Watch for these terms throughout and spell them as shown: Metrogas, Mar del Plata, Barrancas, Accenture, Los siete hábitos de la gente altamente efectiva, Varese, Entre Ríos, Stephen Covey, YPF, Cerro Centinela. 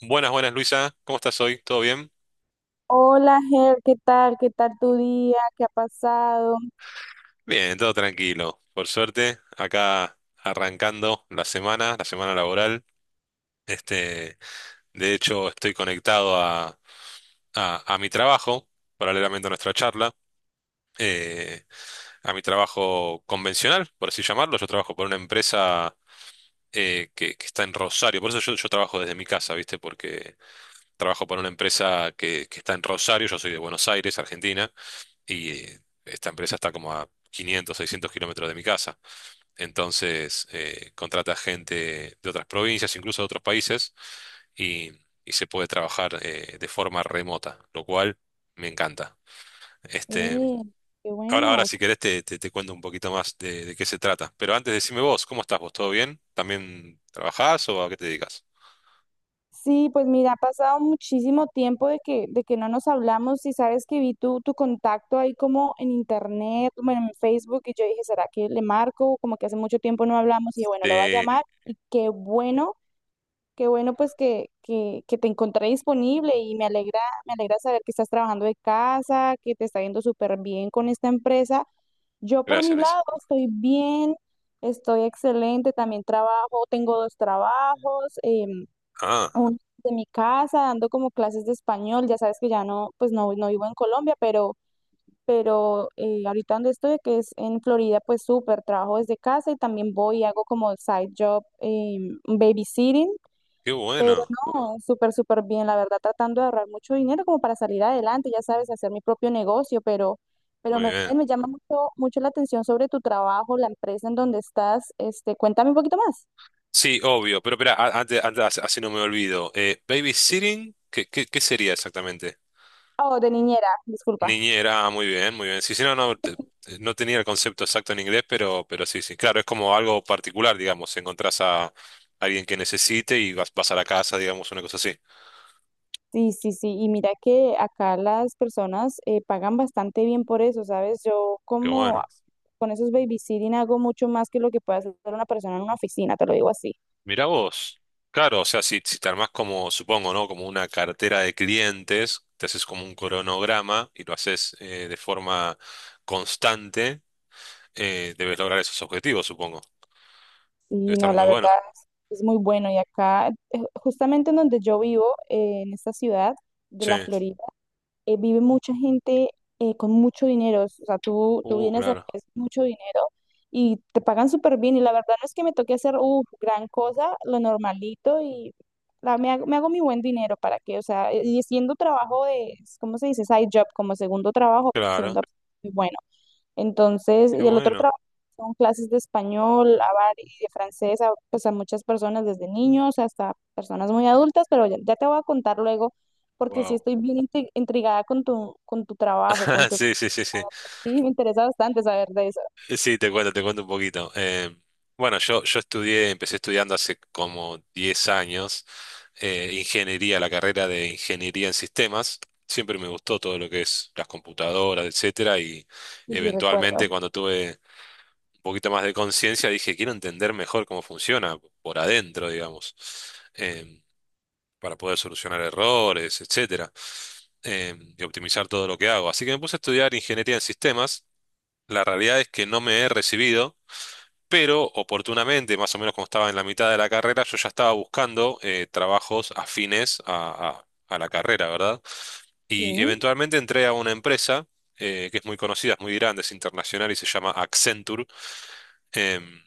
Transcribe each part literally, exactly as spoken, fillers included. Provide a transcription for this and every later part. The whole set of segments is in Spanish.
Buenas, buenas Luisa, ¿cómo estás hoy? ¿Todo bien? Hola, Ger, ¿qué tal? ¿Qué tal tu día? ¿Qué ha pasado? Bien, todo tranquilo, por suerte, acá arrancando la semana, la semana laboral. Este, de hecho, estoy conectado a, a- a mi trabajo, paralelamente a nuestra charla, eh, a mi trabajo convencional, por así llamarlo. Yo trabajo por una empresa eh, que, que está en Rosario, por eso yo, yo trabajo desde mi casa, ¿viste? Porque trabajo por una empresa que, que está en Rosario, yo soy de Buenos Aires, Argentina. y eh, esta empresa está como a quinientos, seiscientos kilómetros de mi casa. Entonces, eh, contrata gente de otras provincias, incluso de otros países, y, y se puede trabajar eh, de forma remota, lo cual me encanta. Este, Eh, Qué ahora, ahora, bueno. si querés, te, te- te cuento un poquito más de, de qué se trata. Pero antes, decime vos, ¿cómo estás vos? ¿Todo bien? ¿También trabajás o a qué te dedicas? Sí, pues mira, ha pasado muchísimo tiempo de que, de que no nos hablamos y sabes que vi tu, tu contacto ahí como en internet, bueno, en Facebook y yo dije, ¿será que le marco? Como que hace mucho tiempo no hablamos y dije, bueno, lo voy a Sí, llamar y qué bueno. Qué bueno pues que, que, que te encontré disponible y me alegra, me alegra saber que estás trabajando de casa, que te está yendo súper bien con esta empresa. Yo por gracias, mi Luisa. lado estoy bien, estoy excelente, también trabajo, tengo dos trabajos, em, Ah, uno de mi casa, dando como clases de español, ya sabes que ya no, pues no, no vivo en Colombia, pero, pero eh, ahorita donde estoy, que es en Florida, pues súper, trabajo desde casa y también voy y hago como side job, em, babysitting, qué pero bueno. no, súper, súper bien, la verdad, tratando de ahorrar mucho dinero como para salir adelante, ya sabes, hacer mi propio negocio, pero, pero Muy me, bien. me llama mucho, mucho la atención sobre tu trabajo, la empresa en donde estás. Este, cuéntame un poquito más. Sí, obvio, pero espera, a- antes, antes- así no me olvido. Eh, babysitting, ¿qué, qué, qué sería exactamente? Oh, de niñera, disculpa. Niñera, ah, muy bien, muy bien. Sí, sí, no, no, te- te- no tenía el concepto exacto en inglés, pero, pero sí, sí. Claro, es como algo particular, digamos. Encontrás a alguien que necesite y vas, vas a la casa, digamos, una cosa así. Sí, sí, sí, y mira que acá las personas eh, pagan bastante bien por eso, ¿sabes? Yo Qué como bueno. con esos babysitting hago mucho más que lo que puede hacer una persona en una oficina, te lo digo así. Mirá vos. Claro, o sea, si, si te armás como, supongo, ¿no? Como una cartera de clientes, te haces como un cronograma y lo haces eh, de forma constante, eh, debes lograr esos objetivos, supongo. Debe Y estar no, muy la verdad bueno. es, es muy bueno. Y acá, eh, justamente en donde yo vivo, eh, en esta ciudad de la Sí. Florida, eh, vive mucha gente eh, con mucho dinero. O sea, tú, tú Uh, vienes acá, Claro. es mucho dinero y te pagan súper bien. Y la verdad no es que me toque hacer uff gran cosa, lo normalito y la- me hago, me hago mi buen dinero para que, o sea, eh, y siendo trabajo de, ¿cómo se dice? Side job, como segundo trabajo, Claro. segunda, pues bueno. Entonces, Qué y el otro bueno. trabajo son clases de español, a var- y de francés, a, pues a muchas personas desde niños hasta personas muy adultas, pero ya, ya te voy a contar luego porque sí Wow. estoy bien intri- intrigada con tu, con tu trabajo, con tu... Sí, sí, sí, sí. Sí, me interesa bastante saber de eso. Sí, te cuento, te cuento un poquito. Eh, bueno, yo, yo estudié, empecé estudiando hace como diez años eh, ingeniería, la carrera de ingeniería en sistemas. Siempre me gustó todo lo que es las computadoras, etcétera, y Sí, sí, eventualmente recuerdo. cuando tuve un poquito más de conciencia dije, quiero entender mejor cómo funciona por adentro, digamos. Em, para poder solucionar errores, etcétera, eh, y optimizar todo lo que hago. Así que me puse a estudiar ingeniería en sistemas. La realidad es que no me he recibido, pero oportunamente, más o menos como estaba en la mitad de la carrera, yo ya estaba buscando eh, trabajos afines a, a- a la carrera, ¿verdad? Y Sí. eventualmente entré a una empresa eh, que es muy conocida, es muy grande, es internacional y se llama Accenture, em,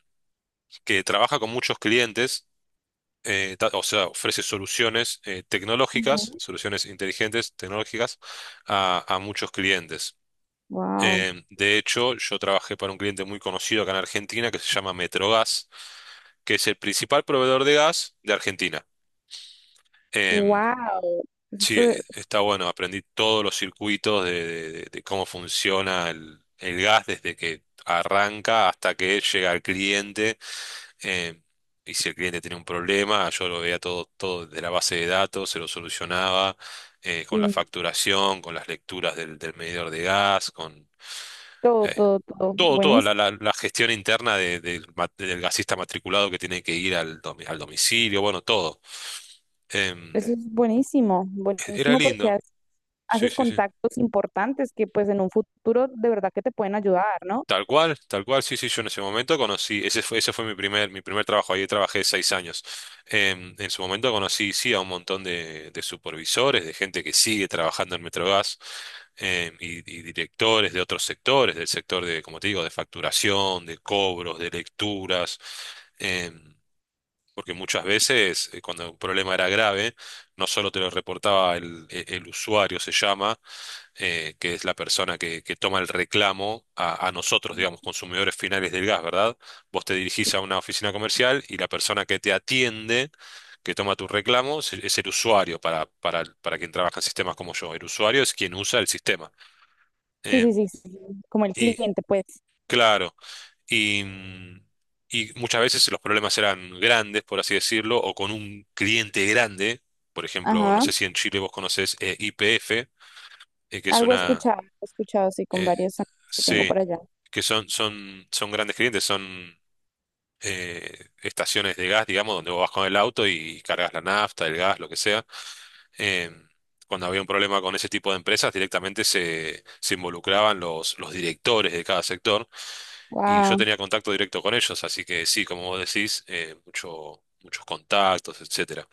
que trabaja con muchos clientes eh, ta- o sea, ofrece soluciones eh, tecnológicas, soluciones inteligentes, tecnológicas, a, a muchos clientes. Wow. Eh, de hecho, yo trabajé para un cliente muy conocido acá en Argentina que se llama Metrogas, que es el principal proveedor de gas de Argentina. Em, Wow. sí, Eso, eh, está bueno, aprendí todos los circuitos de, de- de- de cómo funciona el, el gas desde que arranca hasta que llega al cliente eh, y si el cliente tenía un problema, yo lo veía todo, todo desde la base de datos, se lo solucionaba eh, con la sí, facturación, con las lecturas del, del medidor de gas, con todo, eh, todo, todo. todo, toda la, Buenísimo. la- la gestión interna de- del ma- del gasista matriculado que tiene que ir al, domi- al domicilio, bueno, todo. Em, Eso es buenísimo. e, era Buenísimo porque lindo. has- Sí, haces sí, sí. contactos importantes que pues en un futuro de verdad que te pueden ayudar, ¿no? Tal cual, tal cual, sí, sí, yo en ese momento conocí, ese fue, ese fue mi primer, mi primer trabajo, ahí trabajé seis años. Em, en su momento conocí, sí, a un montón de, de supervisores, de gente que sigue trabajando en Metrogas, em, y, y directores de otros sectores, del sector de, como te digo, de facturación, de cobros, de lecturas, em, porque muchas veces eh, cuando un problema era grave, no solo te lo reportaba el, el el usuario, se llama, eh, que es la persona que, que toma el reclamo a, a nosotros, digamos, consumidores finales del gas, ¿verdad? Vos te dirigís a una oficina comercial y la persona que te atiende, que toma tu reclamo, es, es el usuario para, para, para quien trabaja en sistemas como yo. El usuario es quien usa el sistema. Sí, Eh, sí, sí, sí. Como el y cliente, pues. claro, y, mm, y muchas veces los problemas eran grandes, por así decirlo, o con un cliente grande. Por ejemplo, no Ajá. sé si en Chile vos conocés Y P F, que es Algo he una... escuchado, he escuchado sí con eh, varios amigos que tengo sí, por allá. que son, son, son grandes clientes, son eh, estaciones de gas, digamos, donde vos vas con el auto y cargas la nafta, el gas, lo que sea. Eh, Cuando había un problema con ese tipo de empresas, directamente se, se involucraban los, los directores de cada sector y yo Wow, tenía contacto directo con ellos, así que sí, como vos decís, eh, mucho, muchos contactos, etcétera.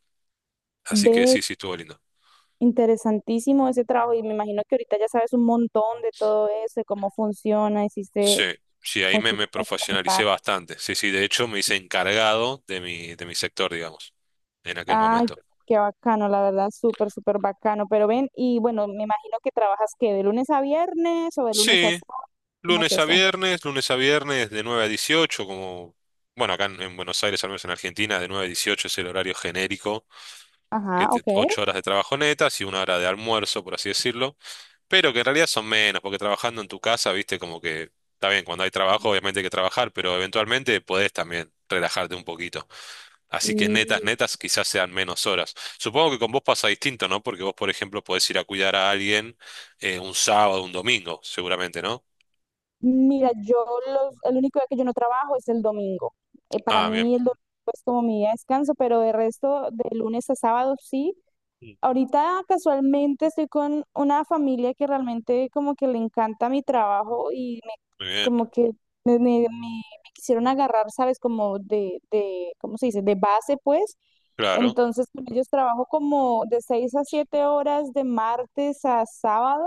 Así que ve, sí, sí, estuvo lindo. interesantísimo ese trabajo y me imagino que ahorita ya sabes un montón de todo eso, de cómo funciona, Sí, hiciste sí, ahí me, me muchísimos profesionalicé contactos. bastante. Sí, sí, de hecho me hice encargado de mi, de mi sector, digamos, en aquel Ay, momento. qué bacano, la verdad, súper, súper bacano. Pero ven, y bueno, me imagino que trabajas que de lunes a viernes o de lunes a Sí, sábado, ¿cómo es lunes a eso? viernes, lunes a viernes de nueve a dieciocho, como, bueno, acá en, en Buenos Aires, al menos en Argentina, de nueve a dieciocho es el horario genérico, que Ajá, te, ok. ocho horas de trabajo netas y una hora de almuerzo, por así decirlo, pero que en realidad son menos, porque trabajando en tu casa, viste, como que, está bien, cuando hay trabajo obviamente hay que trabajar, pero eventualmente podés también relajarte un poquito. Así que netas, Y netas quizás sean menos horas. Supongo que con vos pasa distinto, ¿no? Porque vos, por ejemplo, podés ir a cuidar a alguien eh, un sábado, un domingo, seguramente, ¿no? mira, yo los, el único día que yo no trabajo es el domingo. Eh, para Ah, bien. mí el domingo es como mi día de descanso, pero de resto, de lunes a sábado sí. Mm. Ahorita casualmente estoy con una familia que realmente como que le encanta mi trabajo y me, Muy bien, como que me, me- me- me quisieron agarrar, ¿sabes? Como de, de, ¿cómo se dice? De base, pues. claro, Entonces con ellos trabajo como de seis a siete horas de martes a sábado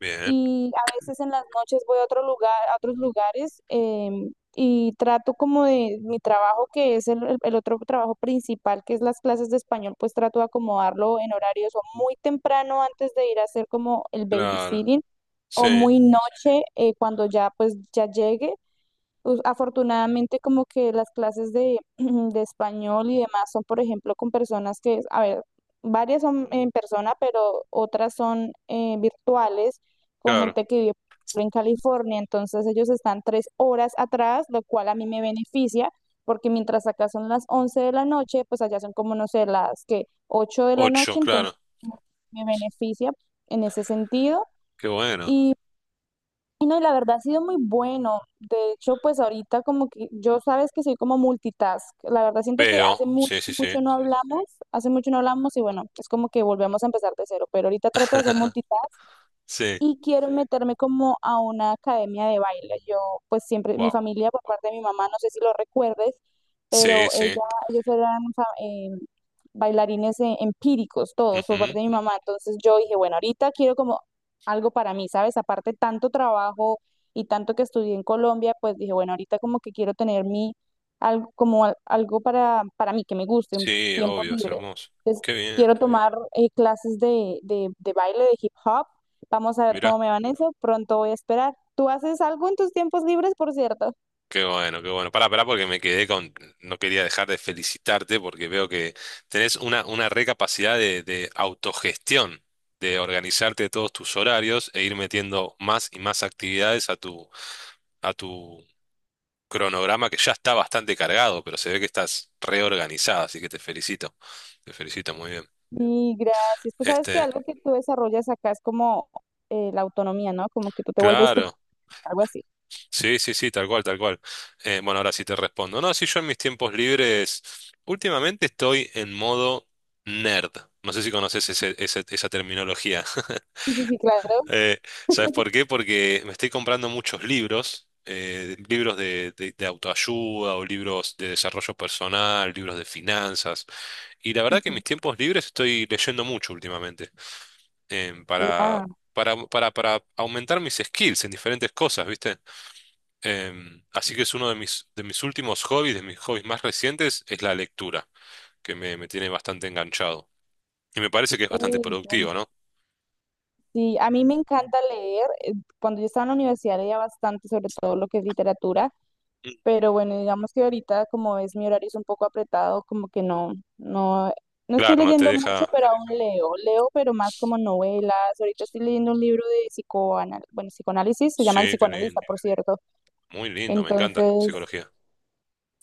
bien, y a veces en las noches voy a otro lugar, a otros lugares, em, y trato como de mi trabajo, que es el, el- el otro trabajo principal, que es las clases de español, pues trato de acomodarlo en horarios o muy temprano antes de ir a hacer como el claro, babysitting sí, o muy noche eh, cuando ya pues ya llegue us- afortunadamente, como que las clases de, de español y demás son, por ejemplo, con personas que, a ver, varias son en persona, pero otras son eh, virtuales, con claro, gente que vive en California. Entonces, ellos están tres horas atrás, lo cual a mí me beneficia, porque mientras acá son las once de la noche, pues allá son como, no sé, las que ocho de la ocho, noche, entonces claro, me beneficia en ese sentido. qué bueno, Y no, y la verdad ha sido muy bueno. De hecho, pues ahorita como que yo sabes que soy como multitask. La verdad siento que veo, hace mucho, sí, sí, sí, mucho no hablamos, hace mucho no hablamos y bueno, es como que volvemos a empezar de cero, pero ahorita trato de hacer multitask sí, y quiero meterme como a una academia de baile. Yo, pues siempre, mi wow, familia por parte de mi mamá, no sé si lo recuerdes, sí, pero sí, ella, ellos eran fa- eh, bailarines eh, empíricos todos por parte ujú, de mi mamá. Entonces yo dije, bueno, ahorita quiero como algo para mí, ¿sabes? Aparte tanto trabajo y tanto que estudié en Colombia, pues dije, bueno, ahorita como que quiero tener mi, algo, como al- algo para, para mí, que me guste, un Sí, tiempo obvio, es libre. hermoso, Entonces qué bien, quiero tomar eh, clases de, de de baile, de hip hop. Vamos a ver mirá, cómo me va en eso. Pronto voy a esperar. ¿Tú haces algo en tus tiempos libres, por cierto? qué bueno, qué bueno, pará, pará, porque me quedé con, no quería dejar de felicitarte porque veo que tenés una, una re capacidad de, de autogestión, de organizarte todos tus horarios e ir metiendo más y más actividades a tu, a tu, cronograma que ya está bastante cargado, pero se ve que estás reorganizada, así que te felicito. Te felicito muy bien. Y gracias. Pues sabes que Este, algo que tú desarrollas acá es como eh, la autonomía, ¿no? Como que tú te vuelves tú, claro. algo así. Sí, sí, sí, tal cual, tal cual. Eh, bueno, ahora sí te respondo. No, si yo en mis tiempos libres, últimamente estoy en modo nerd. No sé si conoces ese- ese- esa terminología. Sí, sí, sí, claro. Eh, ¿Sabes por qué? Porque me estoy comprando muchos libros, eh, libros de, de- de autoayuda o libros de desarrollo personal, libros de finanzas. Y la verdad que en Ujú. mis tiempos libres estoy leyendo mucho últimamente, em, para, Guau. para, para, para aumentar mis skills en diferentes cosas, ¿viste? Em, así que es uno de mis, de mis últimos hobbies, de mis hobbies más recientes, es la lectura, que me, me tiene bastante enganchado. Y me parece que es Eh, bastante productivo, ¿no? sí, a mí me encanta leer. eh, Cuando yo estaba en la universidad leía bastante, sobre todo lo que es literatura. Mm. Pero bueno, digamos que ahorita como es mi horario es un poco apretado, como que no, no, no estoy Claro, no te leyendo mucho, deja... pero aún leo. Leo, pero más como novelas. Ahorita estoy leyendo un libro de psicoanal, bueno, psicoanálisis, se llama El Sí, qué psicoanalista, lindo. por cierto. Muy lindo, me encanta Entonces, psicología.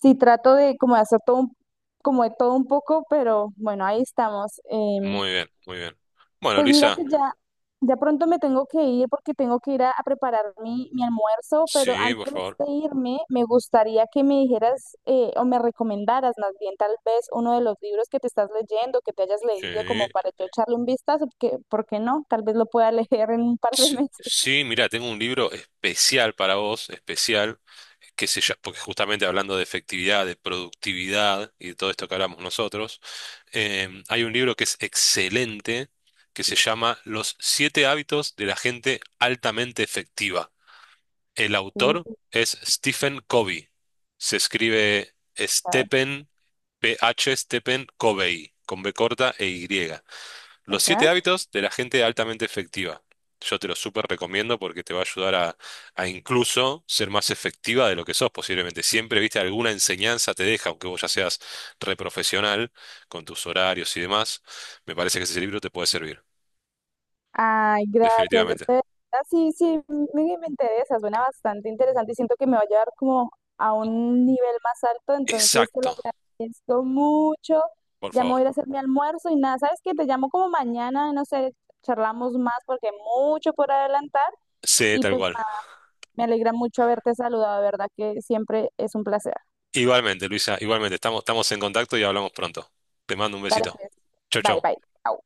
sí trato de como de hacer todo un- como de todo un poco, pero bueno, ahí estamos. Em, Muy bien, muy bien. Bueno, pues mira que Luisa, ya, ya pronto me tengo que ir porque tengo que ir a, a preparar mi, mi almuerzo, pero sí, por antes favor. de irme me gustaría que me dijeras eh, o me recomendaras más bien tal vez uno de los libros que te estás leyendo, que te hayas leído como Sí. para yo echarle un vistazo, porque, ¿por qué no? Tal vez lo pueda leer en un par de Sí, meses. sí, mira, tengo un libro especial para vos, especial. qué sé yo, porque justamente hablando de efectividad, de productividad y de todo esto que hablamos nosotros, em, hay un libro que es excelente que se llama Los siete hábitos de la gente altamente efectiva. El autor Uh, es Stephen Covey. Se escribe chao. Stephen, P H Stephen Covey, con B corta e Y. Los Ok. siete hábitos de la gente altamente efectiva. Yo te lo súper recomiendo porque te va a ayudar a, a incluso ser más efectiva de lo que sos posiblemente. Siempre, viste, alguna enseñanza te deja, aunque vos ya seas reprofesional con tus horarios y demás. Me parece que ese libro te puede servir, Ay, gracias. Es definitivamente. que- ah, sí, sí, me, me interesa, suena bastante interesante y siento que me va a llevar como a un nivel más alto, entonces te lo Exacto, agradezco mucho. por Ya me voy a favor. ir a hacer mi almuerzo y nada, ¿sabes qué? Te llamo como mañana, no sé, charlamos más porque hay mucho por adelantar Sí, y tal pues cual. nada, me alegra mucho haberte saludado, de verdad que siempre es un placer. Igualmente, Luisa, igualmente. Estamos, estamos en contacto y hablamos pronto. Te mando un Dale besito. pues, Chau, bye, chau. bye. Chao.